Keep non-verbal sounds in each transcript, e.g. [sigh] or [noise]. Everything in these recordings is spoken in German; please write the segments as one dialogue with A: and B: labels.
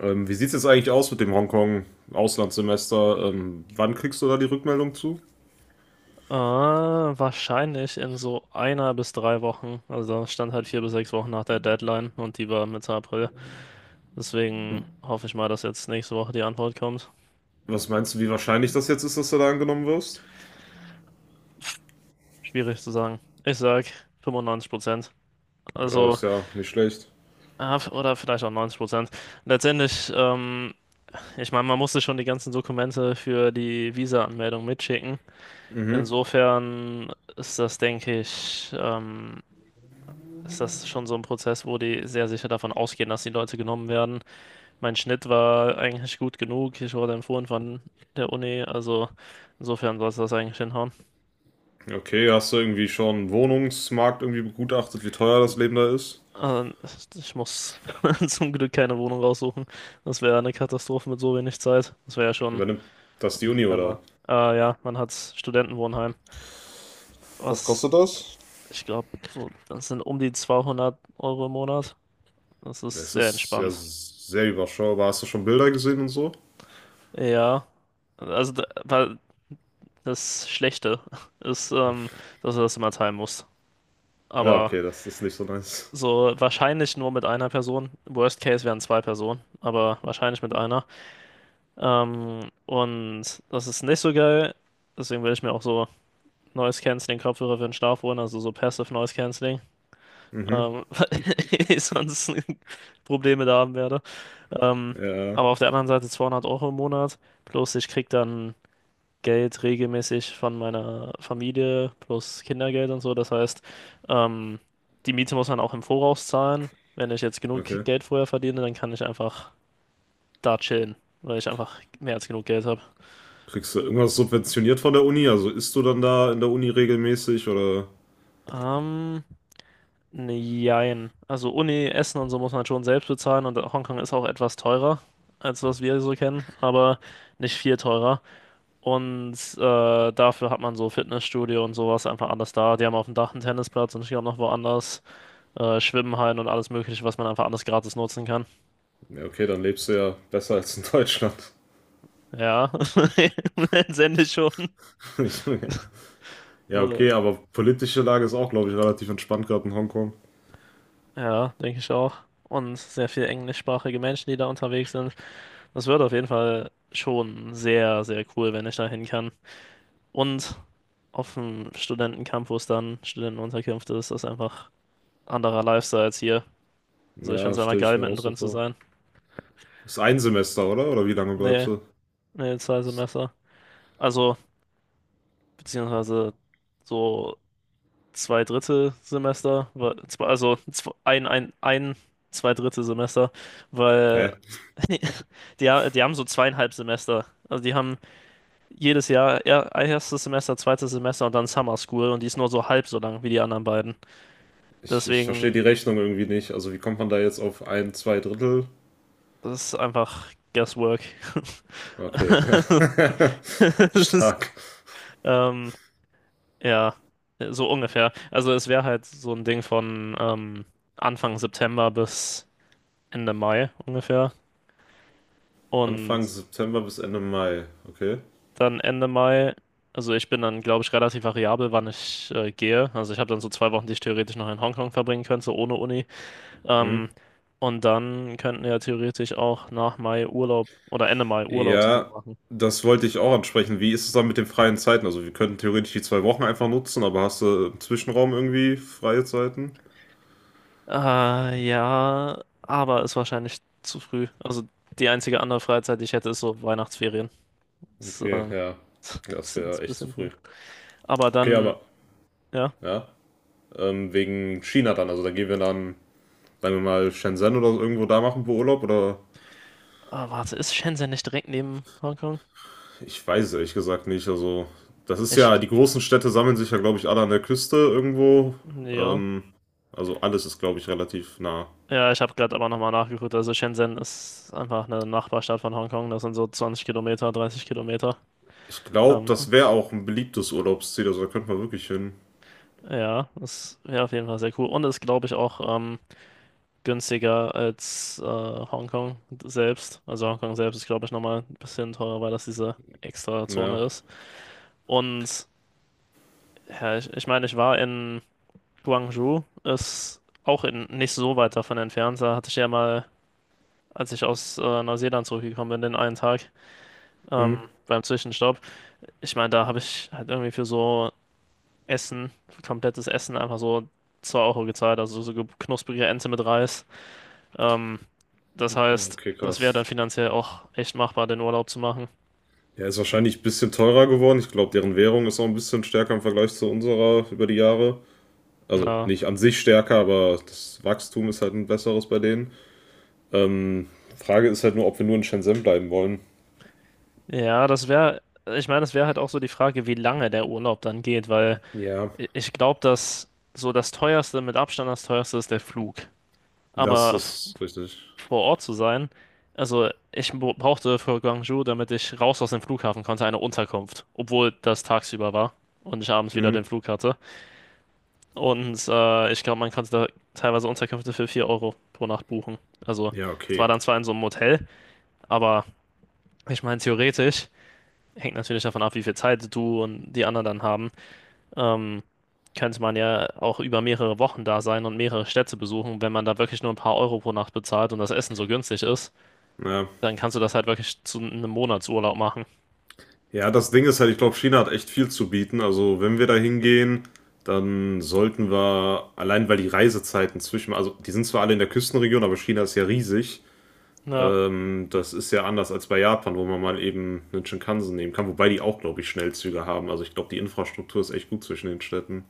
A: Wie sieht es jetzt eigentlich aus mit dem Hongkong-Auslandssemester? Wann kriegst du da die Rückmeldung zu?
B: Wahrscheinlich in so einer bis drei Wochen. Also da stand halt 4 bis 6 Wochen nach der Deadline und die war Mitte April. Deswegen hoffe ich mal, dass jetzt nächste Woche die Antwort kommt.
A: Was meinst du, wie wahrscheinlich das jetzt ist, dass du da angenommen wirst?
B: Schwierig zu sagen. Ich sag 95%.
A: Ja,
B: Also,
A: ist ja nicht schlecht.
B: oder vielleicht auch 90%. Letztendlich, ich meine, man musste schon die ganzen Dokumente für die Visa-Anmeldung mitschicken.
A: Mhm.
B: Insofern ist das, denke ich, ist das schon so ein Prozess, wo die sehr sicher davon ausgehen, dass die Leute genommen werden. Mein Schnitt war eigentlich gut genug. Ich wurde empfohlen von der Uni. Also insofern sollte das eigentlich hinhauen.
A: Okay, hast du irgendwie schon einen Wohnungsmarkt irgendwie begutachtet, wie teuer das Leben da ist?
B: Äh, Ich muss [laughs] zum Glück keine Wohnung raussuchen. Das wäre eine Katastrophe mit so wenig Zeit. Das wäre ja schon
A: Übernimmt das die
B: im
A: Uni, oder?
B: September. Ja, man hat Studentenwohnheim.
A: Was kostet
B: Was,
A: das?
B: ich glaube, so, das sind um die 200 Euro im Monat. Das ist
A: Das
B: sehr
A: ist ja
B: entspannt.
A: sehr überschaubar. Hast du schon Bilder gesehen und so?
B: Ja, also da, weil das Schlechte [laughs] ist, dass du das immer teilen musst.
A: Ja,
B: Aber
A: okay, das ist nicht so nice.
B: so, wahrscheinlich nur mit einer Person. Worst Case wären zwei Personen, aber wahrscheinlich mit einer. Und das ist nicht so geil. Deswegen will ich mir auch so Noise Cancelling Kopfhörer für den Schlaf holen, also so Passive Noise Cancelling,
A: Mhm.
B: [laughs] weil ich sonst [laughs] Probleme da haben werde. Ähm,
A: Ja,
B: aber auf der anderen Seite 200 Euro im Monat. Plus ich krieg dann Geld regelmäßig von meiner Familie plus Kindergeld und so. Das heißt, ähm, die Miete muss man auch im Voraus zahlen. Wenn ich jetzt genug
A: okay.
B: Geld vorher verdiene, dann kann ich einfach da chillen, weil ich einfach mehr als genug Geld habe.
A: Kriegst du irgendwas subventioniert von der Uni? Also isst du dann da in der Uni regelmäßig oder?
B: Ähm, ne, also Uni, Essen und so muss man schon selbst bezahlen, und Hongkong ist auch etwas teurer als was wir so kennen, aber nicht viel teurer. Und dafür hat man so Fitnessstudio und sowas einfach anders da. Die haben auf dem Dach einen Tennisplatz und ich glaube noch woanders. Schwimmhallen und alles Mögliche, was man einfach anders gratis nutzen kann.
A: Ja, okay, dann lebst du ja besser als in Deutschland.
B: Ja, [laughs] letztendlich schon.
A: [laughs] Ja,
B: So,
A: okay, aber politische Lage ist auch, glaube ich, relativ entspannt gerade in Hongkong.
B: ja, denke ich auch. Und sehr viele englischsprachige Menschen, die da unterwegs sind. Das wird auf jeden Fall schon sehr, sehr cool, wenn ich da hin kann. Und auf dem Studentencampus dann, Studentenunterkünfte, ist das einfach anderer Lifestyle als hier. Also ich finde
A: Ja,
B: es einfach
A: stelle ich
B: geil,
A: mir auch so
B: mittendrin zu
A: vor.
B: sein.
A: Ist ein Semester, oder? Oder wie lange bleibst
B: Nee,
A: du?
B: nee, zwei Semester. Also, beziehungsweise so zwei Drittel Semester, zwei Drittel Semester, weil
A: Hä?
B: [laughs] die haben so zweieinhalb Semester. Also die haben jedes Jahr erstes Semester, zweites Semester und dann Summer School, und die ist nur so halb so lang wie die anderen beiden.
A: Ich
B: Deswegen,
A: verstehe die Rechnung irgendwie nicht. Also wie kommt man da jetzt auf ein, zwei Drittel?
B: das ist einfach Guesswork.
A: Okay.
B: [laughs]
A: [laughs]
B: Das ist,
A: Stark.
B: ähm, ja, so ungefähr. Also es wäre halt so ein Ding von Anfang September bis Ende Mai ungefähr.
A: Anfang
B: Und
A: September bis Ende Mai. Okay.
B: dann Ende Mai. Also ich bin dann, glaube ich, relativ variabel, wann ich gehe. Also ich habe dann so 2 Wochen, die ich theoretisch noch in Hongkong verbringen könnte, so ohne Uni.
A: Hm?
B: Ähm, und dann könnten wir ja theoretisch auch nach Mai Urlaub oder Ende Mai Urlaub zusammen
A: Ja,
B: machen.
A: das wollte ich auch ansprechen. Wie ist es dann mit den freien Zeiten? Also wir könnten theoretisch die 2 Wochen einfach nutzen, aber hast du im Zwischenraum irgendwie freie Zeiten?
B: Ja, aber ist wahrscheinlich zu früh. Also die einzige andere Freizeit, die ich hätte, ist so Weihnachtsferien. Ist,
A: Okay, ja.
B: [laughs]
A: Das
B: sind
A: wäre
B: ein
A: echt zu
B: bisschen wohl.
A: früh.
B: Aber
A: Okay,
B: dann,
A: aber
B: ja.
A: ja, wegen China dann. Also da gehen wir dann, sagen wir mal, Shenzhen oder so irgendwo da machen wir Urlaub oder?
B: Ah, warte, ist Shenzhen nicht direkt neben Hongkong?
A: Ich weiß es ehrlich gesagt nicht. Also das ist ja,
B: Ich,
A: die großen Städte sammeln sich ja, glaube ich, alle an der Küste irgendwo.
B: ja.
A: Ähm, also alles ist, glaube ich, relativ nah.
B: Ja, ich habe gerade aber nochmal nachgeguckt. Also Shenzhen ist einfach eine Nachbarstadt von Hongkong. Das sind so 20 Kilometer, 30 Kilometer.
A: Ich glaube,
B: Ähm,
A: das wäre auch ein beliebtes Urlaubsziel, also da könnte man wirklich hin.
B: ja, das wäre auf jeden Fall sehr cool. Und ist, glaube ich, auch günstiger als Hongkong selbst. Also Hongkong selbst ist, glaube ich, nochmal ein bisschen teurer, weil das diese extra
A: Ja.
B: Zone ist. Und ja, ich meine, ich war in Guangzhou. Ist auch in, nicht so weit davon entfernt. Da hatte ich ja mal, als ich aus Neuseeland zurückgekommen bin, den einen Tag
A: Hm.
B: ähm, beim Zwischenstopp. Ich meine, da habe ich halt irgendwie für so Essen, für komplettes Essen einfach so 2 € gezahlt, also so knusprige Ente mit Reis. Ähm, Das
A: Ja,
B: heißt,
A: okay,
B: das wäre dann
A: krass.
B: finanziell auch echt machbar, den Urlaub zu machen.
A: Ja, ist wahrscheinlich ein bisschen teurer geworden. Ich glaube, deren Währung ist auch ein bisschen stärker im Vergleich zu unserer über die Jahre. Also
B: Na,
A: nicht an sich stärker, aber das Wachstum ist halt ein besseres bei denen. Ähm, Frage ist halt nur, ob wir nur in Shenzhen bleiben wollen.
B: ja, das wäre, ich meine, das wäre halt auch so die Frage, wie lange der Urlaub dann geht, weil
A: Ja,
B: ich glaube, dass so das teuerste, mit Abstand das teuerste ist der Flug.
A: das
B: Aber
A: ist richtig.
B: vor Ort zu sein. Also ich brauchte für Guangzhou, damit ich raus aus dem Flughafen konnte, eine Unterkunft, obwohl das tagsüber war und ich abends wieder
A: Hm.
B: den Flug hatte. Und ich glaube, man konnte da teilweise Unterkünfte für 4 € pro Nacht buchen. Also
A: Ja,
B: es war
A: okay.
B: dann zwar in so einem Hotel, aber ich meine, theoretisch hängt natürlich davon ab, wie viel Zeit du und die anderen dann haben. Ähm, Könnte man ja auch über mehrere Wochen da sein und mehrere Städte besuchen, wenn man da wirklich nur ein paar Euro pro Nacht bezahlt und das Essen so günstig ist.
A: Ja,
B: Dann kannst du das halt wirklich zu einem Monatsurlaub machen.
A: ja, das Ding ist halt, ich glaube, China hat echt viel zu bieten. Also, wenn wir da hingehen, dann sollten wir, allein weil die Reisezeiten zwischen, also die sind zwar alle in der Küstenregion, aber China ist ja riesig.
B: Ja,
A: Das ist ja anders als bei Japan, wo man mal eben einen Shinkansen nehmen kann, wobei die auch, glaube ich, Schnellzüge haben. Also, ich glaube, die Infrastruktur ist echt gut zwischen den Städten.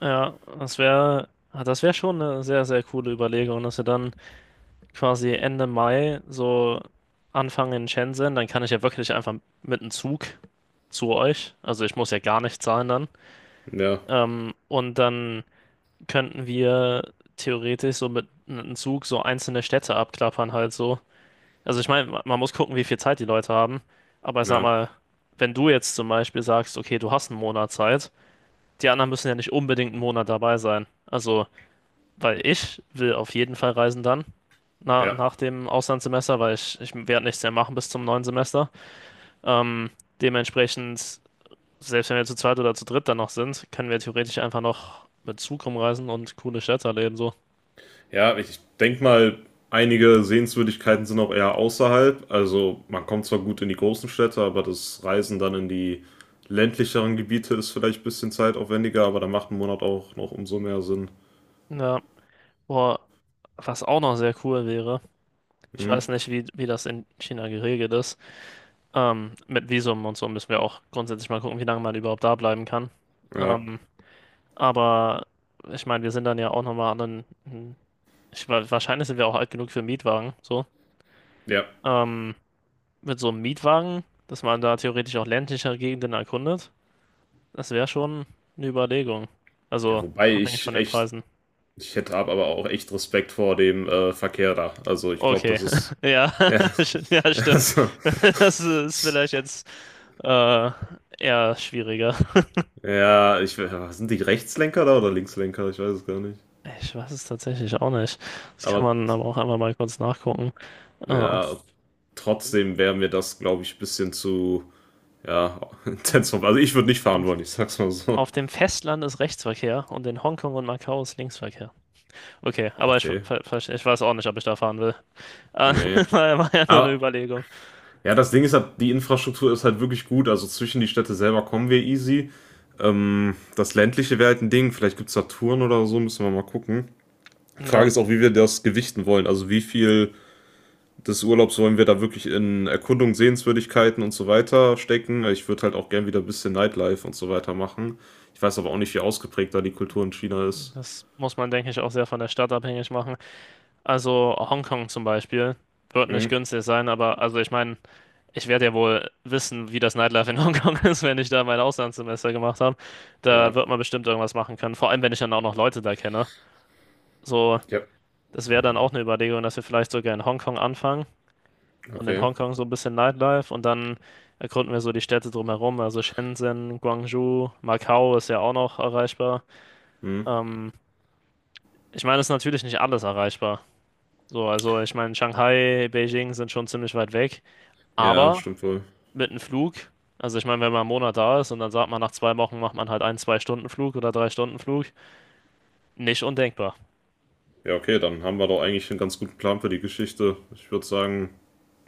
B: ja, das wäre schon eine sehr, sehr coole Überlegung, dass wir dann quasi Ende Mai so anfangen in Shenzhen, dann kann ich ja wirklich einfach mit dem Zug zu euch, also ich muss ja gar nicht zahlen dann,
A: Ja,
B: und dann könnten wir theoretisch so mit einem Zug so einzelne Städte abklappern halt so. Also ich meine, man muss gucken, wie viel Zeit die Leute haben, aber ich sag
A: ja,
B: mal, wenn du jetzt zum Beispiel sagst, okay, du hast einen Monat Zeit, die anderen müssen ja nicht unbedingt einen Monat dabei sein. Also, weil ich will auf jeden Fall reisen dann, na,
A: ja.
B: nach dem Auslandssemester, weil ich werde nichts mehr machen bis zum neuen Semester. Ähm, Dementsprechend, selbst wenn wir zu zweit oder zu dritt dann noch sind, können wir theoretisch einfach noch mit Zug rumreisen und coole Städte erleben, so.
A: Ja, ich denke mal, einige Sehenswürdigkeiten sind auch eher außerhalb. Also man kommt zwar gut in die großen Städte, aber das Reisen dann in die ländlicheren Gebiete ist vielleicht ein bisschen zeitaufwendiger, aber da macht ein Monat auch noch umso mehr Sinn.
B: Ja, boah, was auch noch sehr cool wäre, ich
A: Hm?
B: weiß nicht, wie das in China geregelt ist. Mit Visum und so müssen wir auch grundsätzlich mal gucken, wie lange man überhaupt da bleiben kann.
A: Ja,
B: Ähm, Aber ich meine, wir sind dann ja auch nochmal anderen. Wahrscheinlich sind wir auch alt genug für Mietwagen. So.
A: ja.
B: Ähm, mit so einem Mietwagen, dass man da theoretisch auch ländliche Gegenden erkundet, das wäre schon eine Überlegung.
A: Ja,
B: Also
A: wobei
B: abhängig von
A: ich
B: den
A: echt,
B: Preisen.
A: ich hätte ab- aber auch echt Respekt vor dem Verkehr da. Also ich glaube,
B: Okay,
A: das ist.
B: [laughs] ja,
A: Ja.
B: [laughs] ja,
A: [laughs]
B: stimmt.
A: Also,
B: [laughs] Das ist vielleicht jetzt äh, eher schwieriger.
A: ja, ich, we- sind die Rechtslenker da oder Linkslenker? Ich weiß es gar nicht.
B: Ich weiß es tatsächlich auch nicht. Das kann
A: Aber
B: man aber auch einfach mal kurz nachgucken. Äh,
A: ja, trotzdem wäre mir das, glaube ich, ein bisschen zu, ja, [laughs] intens. Also ich würde nicht fahren
B: auf,
A: wollen, ich sag's mal so.
B: Auf dem Festland ist Rechtsverkehr und in Hongkong und Macau ist Linksverkehr. Okay, aber ich, ver
A: Okay,
B: ver ich weiß auch nicht, ob ich da fahren will. Äh,
A: ne.
B: [laughs] War ja nur eine
A: Aber
B: Überlegung.
A: ja, das Ding ist halt, die Infrastruktur ist halt wirklich gut. Also zwischen die Städte selber kommen wir easy. Das ländliche wäre halt ein Ding. Vielleicht gibt's da Touren oder so, müssen wir mal gucken. Frage
B: Ja,
A: ist auch, wie wir das gewichten wollen. Also wie viel des Urlaubs wollen wir da wirklich in Erkundung, Sehenswürdigkeiten und so weiter stecken. Ich würde halt auch gern wieder ein bisschen Nightlife und so weiter machen. Ich weiß aber auch nicht, wie ausgeprägt da die Kultur in China ist.
B: das muss man, denke ich, auch sehr von der Stadt abhängig machen. Also Hongkong zum Beispiel wird
A: Hm,
B: nicht günstig sein, aber also ich meine, ich werde ja wohl wissen, wie das Nightlife in Hongkong [laughs] ist, wenn ich da mein Auslandssemester gemacht habe. Da
A: ja.
B: wird man bestimmt irgendwas machen können, vor allem wenn ich dann auch noch Leute da kenne. So,
A: Ja.
B: das wäre dann auch eine Überlegung, dass wir vielleicht sogar in Hongkong anfangen und in
A: Okay.
B: Hongkong so ein bisschen Nightlife und dann erkunden wir so die Städte drumherum, also Shenzhen, Guangzhou, Macau ist ja auch noch erreichbar.
A: Hm.
B: Ähm, Ich meine, es ist natürlich nicht alles erreichbar. So, also ich meine, Shanghai, Beijing sind schon ziemlich weit weg,
A: Ja,
B: aber
A: stimmt wohl.
B: mit einem Flug, also ich meine, wenn man einen Monat da ist und dann sagt man, nach 2 Wochen macht man halt einen Zwei-Stunden-Flug oder Drei-Stunden-Flug, nicht undenkbar.
A: Ja, okay, dann haben wir doch eigentlich einen ganz guten Plan für die Geschichte. Ich würde sagen,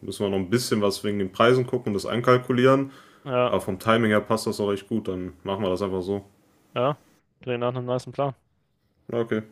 A: müssen wir noch ein bisschen was wegen den Preisen gucken und das einkalkulieren.
B: Ja,
A: Aber vom Timing her passt das auch recht gut. Dann machen wir das einfach so.
B: ja, klingt nach einem nicen Plan.
A: Ja, okay.